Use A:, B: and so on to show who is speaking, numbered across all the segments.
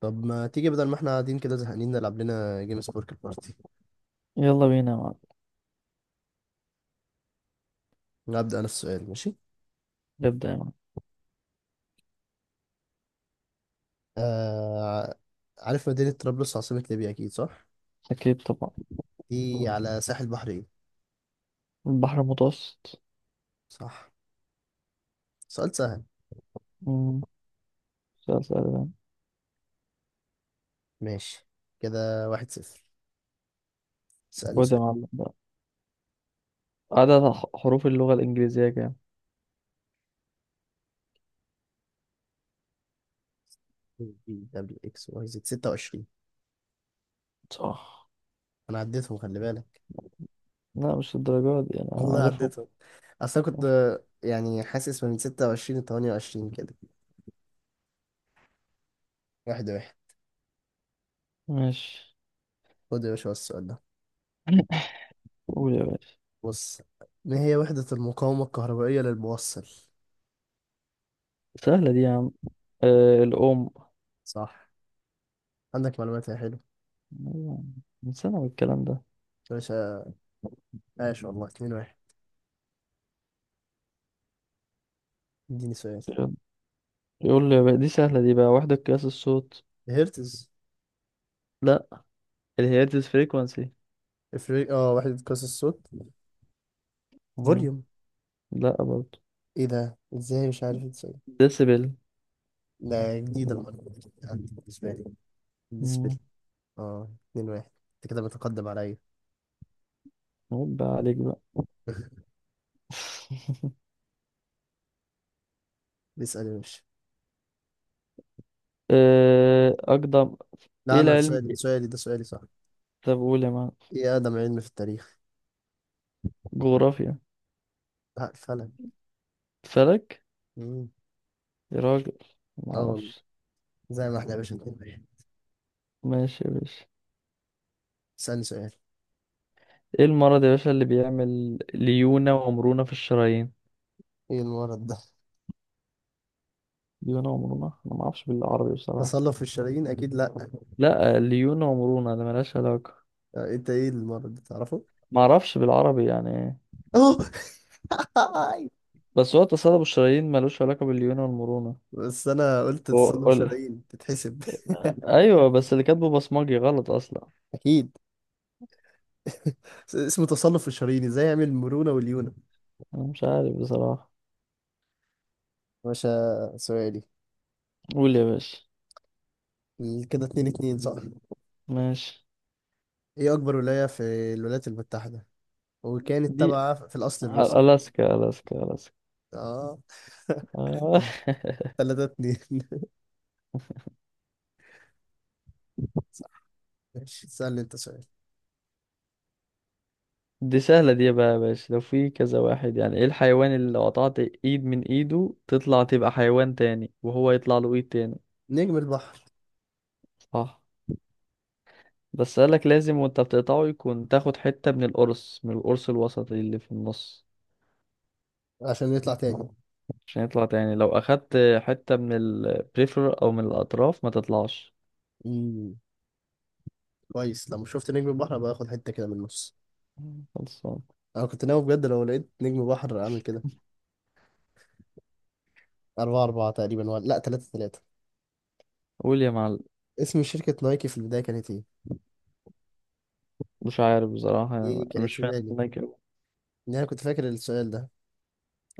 A: طب ما تيجي بدل ما احنا قاعدين كده زهقانين نلعب لنا جيم سبورك البارتي.
B: يلا بينا يا معلم.
A: هبدأ انا السؤال، ماشي.
B: نبدأ يا معلم.
A: آه... عارف مدينة طرابلس عاصمة ليبيا اكيد؟ صح،
B: أكيد طبعا.
A: دي على ساحل بحرين.
B: البحر المتوسط.
A: صح. سؤال سهل.
B: مم. سؤال سهل ده.
A: ماشي، كده واحد صفر. سألني
B: خد يا
A: سؤال.
B: معلم بقى. عدد حروف اللغة الإنجليزية كام؟
A: بي دبليو اكس واي زد، 26.
B: صح.
A: انا عديتهم خلي بالك.
B: لا مش الدرجات دي، أنا
A: والله
B: عارفهم.
A: عديتهم. اصل أنا كنت، يعني حاسس من 26 ل 28 كده. واحد واحد.
B: ماشي.
A: خد يا باشا السؤال ده.
B: قول يا باشا.
A: بص، ما هي وحدة المقاومة الكهربائية للموصل؟
B: سهلة دي يا عم، آه الأم.
A: صح، عندك معلومات يا حلو.
B: أيوة، من سنة الكلام ده.
A: يا باشا، عاش والله، 2 واحد. اديني سؤال.
B: يلا، يقول لي بقى دي سهلة دي بقى، وحدة قياس الصوت.
A: هرتز.
B: لا، الهيرتز فريكوانسي.
A: افريق اه وحدة قياس الصوت. فوليوم.
B: لا برضه.
A: ايه ده، ازاي مش عارف ازاي؟
B: ديسيبل.
A: لا، جديدة المعلومة دي عندي. بالنسبة لي.
B: مم.
A: اه، 2 واحد، انت كده بتقدم عليا.
B: عيب بقى عليك بقى.
A: اسأل يا باشا.
B: أقدم.
A: لا
B: إيه
A: انا
B: العلم؟
A: سؤالي، سؤالي ده صح.
B: طب قول يا معلم.
A: ايه اقدم علم في التاريخ؟
B: جغرافيا.
A: لا، الفلك.
B: فلك.
A: مم.
B: يا راجل
A: اه والله.
B: معرفش.
A: زي ما احنا يا باشا 2 واحد.
B: ماشي يا باشا.
A: اسألني سؤال.
B: إيه المرض يا باشا اللي بيعمل ليونة ومرونة في الشرايين؟
A: ايه المرض ده؟
B: ليونة ومرونة، أنا معرفش بالعربي بصراحة.
A: تصلب في الشرايين اكيد. لا،
B: لا ليونة ومرونة، ده ملهاش علاقة.
A: انت ايه المرض ده تعرفه؟
B: معرفش بالعربي يعني إيه.
A: اهو.
B: بس هو تصلب الشرايين ملوش علاقة بالليونة والمرونة.
A: بس انا قلت تصنف
B: قول.
A: شرايين تتحسب.
B: أيوة بس اللي كاتبه بصمجي غلط أصلا.
A: اكيد. اسمه تصنف الشرايين، ازاي يعمل المرونة واليونة.
B: أنا مش عارف بصراحة.
A: باشا سؤالي.
B: قول يا باشا.
A: كده اتنين اتنين صح.
B: ماشي.
A: ايه اكبر ولاية في الولايات المتحدة وكانت
B: دي
A: تابعة في الاصل لروسيا؟
B: ألاسكا، ألاسكا، ألاسكا.
A: اه.
B: آه.
A: تلاتة اتنين. صح. ماشي، سألني انت سؤال.
B: دي سهلة دي بقى يا باشا، لو في كذا واحد. يعني ايه الحيوان اللي لو قطعت ايد من ايده تطلع تبقى حيوان تاني، وهو يطلع له ايد تاني؟
A: نجم البحر.
B: صح. بس قالك لازم وانت بتقطعه يكون تاخد حتة من القرص، من القرص الوسطي اللي في النص،
A: عشان نطلع تاني.
B: عشان يطلع تاني. لو أخدت حتة من البريفر أو من الأطراف ما تطلعش.
A: مم. كويس، لما شفت نجم البحر ابقى اخد حتة كده من النص.
B: خلصان.
A: انا كنت ناوي بجد لو لقيت نجم بحر اعمل كده. أربعة أربعة تقريبا، ولا لأ، تلاتة تلاتة.
B: قول يا معلم.
A: اسم شركة نايكي في البداية كانت إيه؟
B: مش عارف بصراحة، أنا
A: دي كانت
B: مش
A: في
B: فاهم
A: بالي،
B: أنا كده.
A: إن أنا كنت فاكر السؤال ده.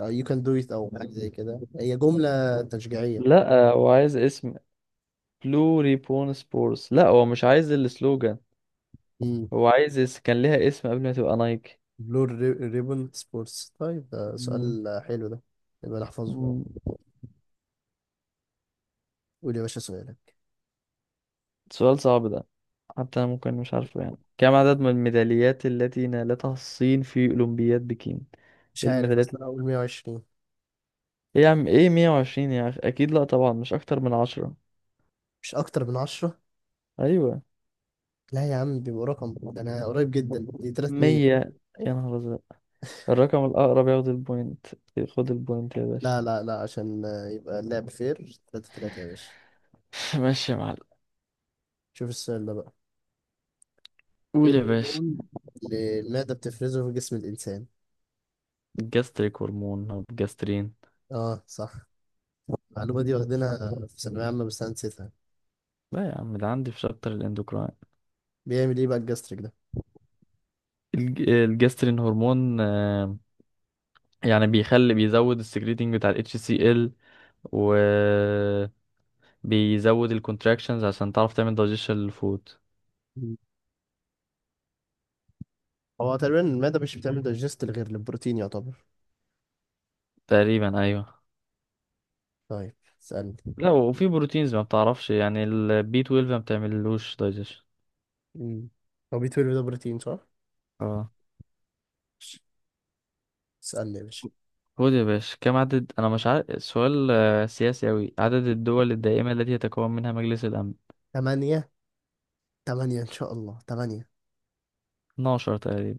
A: أو you can do it أو حاجة زي كده، هي جملة تشجيعية.
B: لا هو عايز اسم. بلوري بون سبورس، لا هو مش عايز السلوجان.
A: مم.
B: هو عايز كان ليها اسم قبل ما تبقى نايك.
A: بلور. ريبون سبورتس. طيب ده
B: مم.
A: سؤال حلو ده، يبقى نحفظه.
B: مم.
A: قول يا باشا سؤالك.
B: سؤال صعب ده. حتى انا ممكن مش عارفه يعني. كم عدد من الميداليات التي نالتها الصين في اولمبياد بكين؟
A: مش
B: ايه
A: عارف،
B: الميداليات؟
A: بس أنا هقول 120.
B: ايه يا عم، ايه 120 يا اخي؟ اكيد لا طبعا، مش اكتر من 10.
A: مش أكتر من 10.
B: ايوه.
A: لا يا عم بيبقى رقم ده، أنا قريب جدا، دي 300.
B: 100. يا نهار ازرق. الرقم الاقرب ياخد البوينت. خد البوينت يا باشا.
A: لا لا لا، عشان يبقى اللعب فير، 3 3 يا باشا.
B: ماشي يا معلم.
A: شوف السؤال ده بقى. ايه
B: قول يا باشا.
A: الهرمون اللي المعدة بتفرزه في جسم الإنسان؟
B: جاستريك هرمون او جاسترين.
A: اه صح. المعلومة دي واخدينها في ثانوية عامة بس أنا نسيتها.
B: لا يا عم ده عندي في شابتر الاندوكراين.
A: بيعمل ايه بقى الجاستريك ده؟
B: الجسترين هرمون، يعني بيخلي، بيزود السكريتنج بتاع ال HCl، و بيزود الكونتراكشنز عشان تعرف تعمل دايجيشن للفود.
A: مم. هو تقريبا المعدة مش بتعمل دايجست غير للبروتين يعتبر.
B: تقريبا ايوه.
A: طيب، اسألني.
B: لا وفي بروتينز ما بتعرفش، يعني البي 12 ما بتعملوش دايجيشن.
A: مم. هو بي 12 ده بروتين صح؟
B: اه.
A: ماشي. اسألني يا باشا.
B: خد يا باشا. كم عدد، انا مش عارف السؤال، سياسي اوي، عدد الدول الدائمة التي يتكون منها مجلس الامن؟
A: تمانية. تمانية إن شاء الله، تمانية.
B: 12 تقريبا.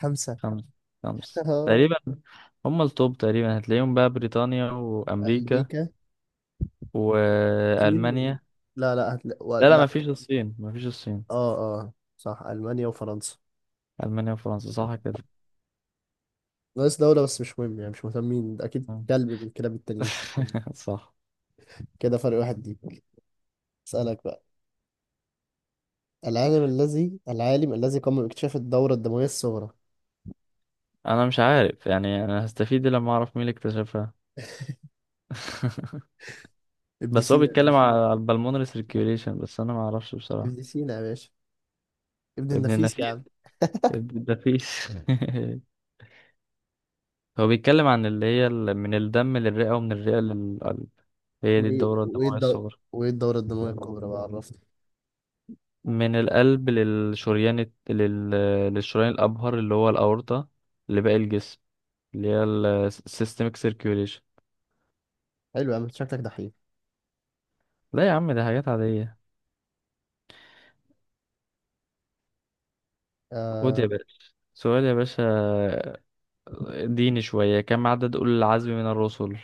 A: خمسة.
B: خمس خمس تقريبا. هم التوب تقريبا، هتلاقيهم بقى بريطانيا وامريكا
A: أمريكا. الصين و-
B: وألمانيا.
A: لا لا، هتلا و
B: لا لا، ما
A: لا.
B: فيش الصين، ما فيش الصين.
A: اه. اه صح، ألمانيا وفرنسا.
B: ألمانيا وفرنسا، صح كده.
A: ناقص دولة بس مش مهم، يعني مش مهتمين، أكيد
B: آه.
A: كلب من الكلاب التانيين.
B: صح.
A: كده فرق واحد ليك. اسألك بقى. العالم الذي قام باكتشاف الدورة الدموية الصغرى؟
B: أنا مش عارف يعني، أنا هستفيد إيه لما أعرف مين اللي اكتشفها؟
A: ابن
B: بس هو
A: سينا يا
B: بيتكلم
A: باشا.
B: على البلمونري سيركيوليشن، بس أنا ما أعرفش بصراحة.
A: ابن سينا يا باشا. ابن
B: ابن
A: النفيس يا
B: النفيس.
A: عم.
B: ابن النفيس. هو بيتكلم عن اللي هي من الدم للرئة، ومن الرئة للقلب. هي دي
A: وايه
B: الدورة
A: وايه
B: الدموية
A: الدو...
B: الصغرى.
A: وايه الدورة الدموية الكبرى بقى، عرفني.
B: من القلب للشريان للشريان الأبهر اللي هو الأورطة، لباقي الجسم، اللي هي السيستمك سيركيوليشن.
A: حلو يا عم، شكلك دحيح.
B: لا يا عم، ده حاجات عادية. خد يا
A: آه...
B: باشا سؤال يا باشا. ديني شوية، كم عدد أولي العزم من الرسل؟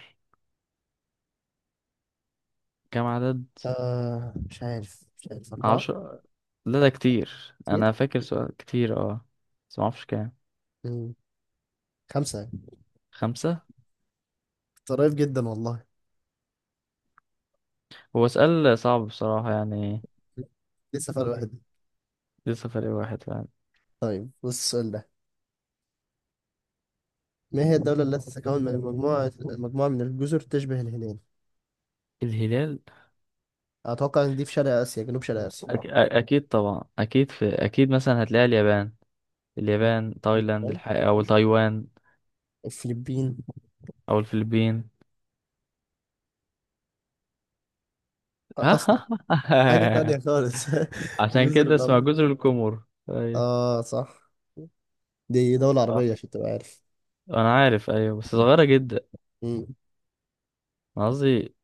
B: كم عدد؟
A: مش عارف، أربعة.
B: عشرة. لا ده كتير،
A: كتير.
B: أنا فاكر سؤال كتير. اه بس معرفش كام.
A: مم. خمسة يعني.
B: خمسة.
A: قريب جدا والله.
B: هو سؤال صعب بصراحة يعني.
A: لسه فرق واحد.
B: لسه فرق واحد فعلا.
A: طيب بص السؤال ده. ما هي الدولة التي تتكون من مجموعة من الجزر تشبه الهلال؟
B: الهلال.
A: أتوقع إن دي في شرق آسيا، جنوب شرق
B: أكيد طبعا، أكيد في، أكيد مثلا هتلاقي اليابان، اليابان، تايلاند
A: آسيا.
B: الحقيقة، أو تايوان،
A: الفلبين
B: أو الفلبين.
A: أصلا. حاجة تانية خالص.
B: عشان
A: جزر
B: كده اسمها
A: القمر.
B: جزر القمر. ايوه.
A: آه صح. دي دولة
B: صح.
A: عربية عشان تبقى عارف.
B: انا عارف، ايوه بس صغيرة جدا.
A: مم.
B: انا قصدي،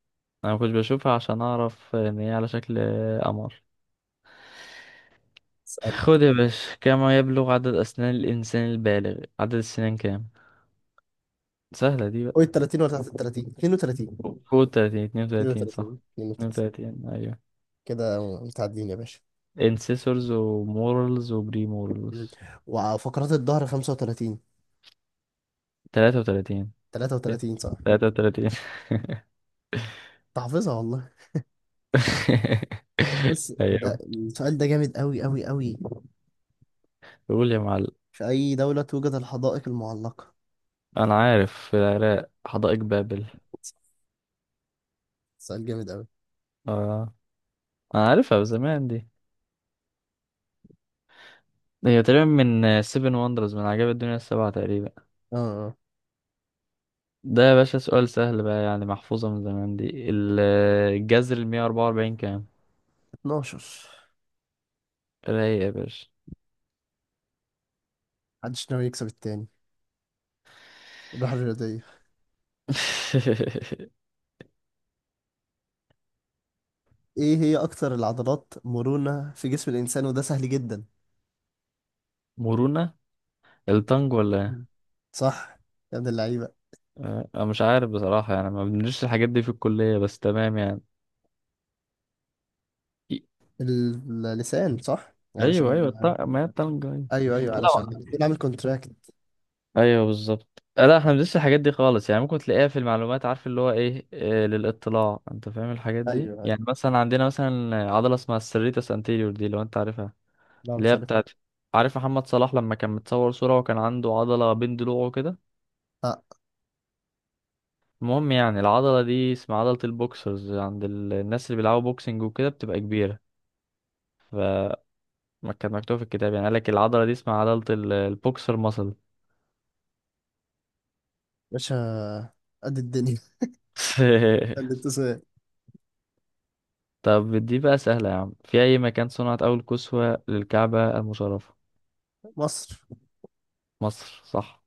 B: انا ما كنتش بشوفها عشان اعرف ان هي على شكل قمر.
A: اسأل.
B: خد يا باشا. كم يبلغ عدد اسنان الانسان البالغ؟ عدد السنان كام؟ سهلة دي بقى.
A: قول 30 ولا 33، 32،
B: فوق 30. 32 صح.
A: 32 32
B: 32 ايوه.
A: كده. متعدين يا باشا.
B: انسيسورز ومورلز وبريمورلز.
A: مم. وفقرات الظهر 35.
B: 33.
A: 33 صح.
B: 33.
A: تحفظها والله. بص ده
B: ايوه.
A: السؤال ده جامد أوي أوي أوي.
B: قول يا معلم.
A: في أي دولة توجد الحدائق المعلقة؟
B: انا عارف، في العراق، حدائق بابل.
A: سؤال جامد أوي.
B: اه. انا عارفها بزمان دي، هي تقريبا من سيفن وندرز، من عجائب الدنيا السبعة تقريبا.
A: آه.
B: ده يا باشا سؤال سهل بقى يعني، محفوظة من زمان دي. الجذر المية 44 كام؟
A: 12.
B: رايق يا باشا.
A: محدش ناوي يكسب التاني، الروح الرياضية. ايه هي اكتر العضلات مرونة في جسم الانسان، وده سهل جدا.
B: مرونة. التانج ولا ايه؟
A: مم. صح. يا ابن اللعيبة.
B: أنا مش عارف بصراحة يعني، ما بندرسش الحاجات دي في الكلية، بس تمام يعني.
A: ال- اللسان صح،
B: أيوه أيوه،
A: علشان،
B: التانج، ما هي التانج. أيوة.
A: ايوه ايوه، علشان
B: لا،
A: بنعمل عامل كونتراكت.
B: ايوه بالظبط. لا احنا مبندرسش الحاجات دي خالص يعني. ممكن تلاقيها في المعلومات، عارف اللي هو ايه، للاطلاع، انت فاهم الحاجات دي
A: ايوه ايوه.
B: يعني. مثلا عندنا مثلا عضله اسمها السريتس انتيريور دي، لو انت عارفها.
A: لا
B: اللي
A: مش
B: هي
A: عارف.
B: بتاعت، عارف محمد صلاح لما كان متصور صوره وكان عنده عضله بين ضلوعه كده؟
A: اه.
B: المهم يعني، العضله دي اسمها عضله البوكسرز عند الناس اللي بيلعبوا بوكسنج وكده، بتبقى كبيره. ما كانت مكتوبه في الكتاب يعني، قالك العضله دي اسمها عضله البوكسر ماسل.
A: باشا، قد الدنيا، قد التسويق.
B: طب دي بقى سهلة يا عم. في أي مكان صنعت أول كسوة للكعبة المشرفة؟
A: مصر.
B: مصر. صح.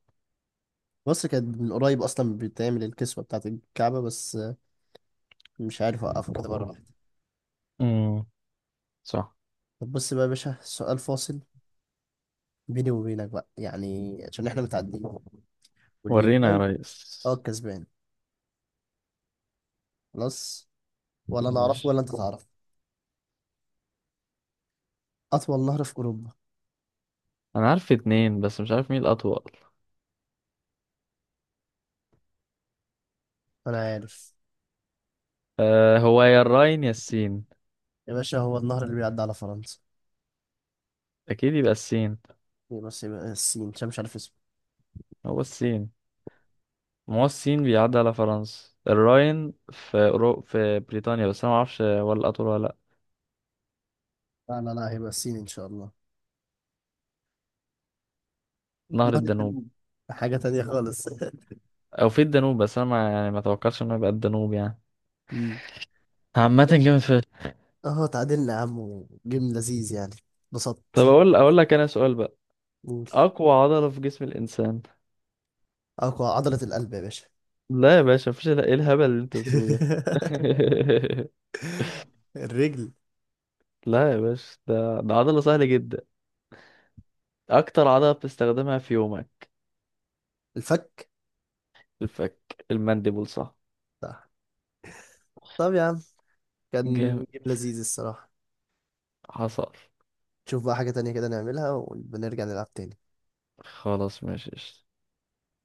A: مصر كانت من قريب اصلا بتعمل الكسوة بتاعت الكعبة بس. مش عارف اوقفه كده مرة واحدة.
B: امم. صح.
A: طب بص بقى يا باشا سؤال فاصل بيني وبينك بقى، يعني عشان احنا متعدين، واللي
B: ورينا يا
A: يجاوب
B: ريس.
A: هو الكسبان. خلاص، ولا انا اعرفه
B: ماشي.
A: ولا انت تعرف. اطول نهر في اوروبا.
B: أنا عارف 2 بس مش عارف مين الأطول.
A: انا عارف.
B: أه، هو يا الراين يا السين.
A: يا باشا هو النهر اللي بيعدي على فرنسا.
B: أكيد يبقى السين.
A: يبقى، بس يبقى السين عشان مش عارف اسمه.
B: هو السين. ما هو السين بيعدي على فرنسا، الراين في في بريطانيا، بس أنا معرفش هو الأطول ولا لأ.
A: لا لا لا، هيبقى السين ان شاء الله.
B: نهر
A: نهر
B: الدانوب.
A: الدانوب. حاجة تانية خالص.
B: أو في الدانوب، بس أنا ما يعني ما توقعش إنه يبقى الدانوب يعني.
A: مم.
B: عامة
A: ماشي.
B: جامد فشخ.
A: اهو تعادلنا يا عم، وجيم لذيذ يعني.
B: طب
A: انبسطت.
B: أقول لك أنا سؤال بقى.
A: قول.
B: اقوى عضلة في جسم الانسان.
A: اقوى عضلة القلب يا باشا.
B: لا يا باشا، مفيش ايه الهبل اللي انت بتقوله ده؟
A: الرجل.
B: لا يا باشا، ده عضلة سهلة جدا. اكتر عضلة بتستخدمها في يومك.
A: الفك.
B: الفك، المانديبول، صح.
A: صح. طب يا عم كان
B: جامد.
A: جيم لذيذ الصراحة.
B: حصل.
A: نشوف بقى حاجة تانية كده نعملها ونرجع نلعب تاني.
B: خلاص ماشي.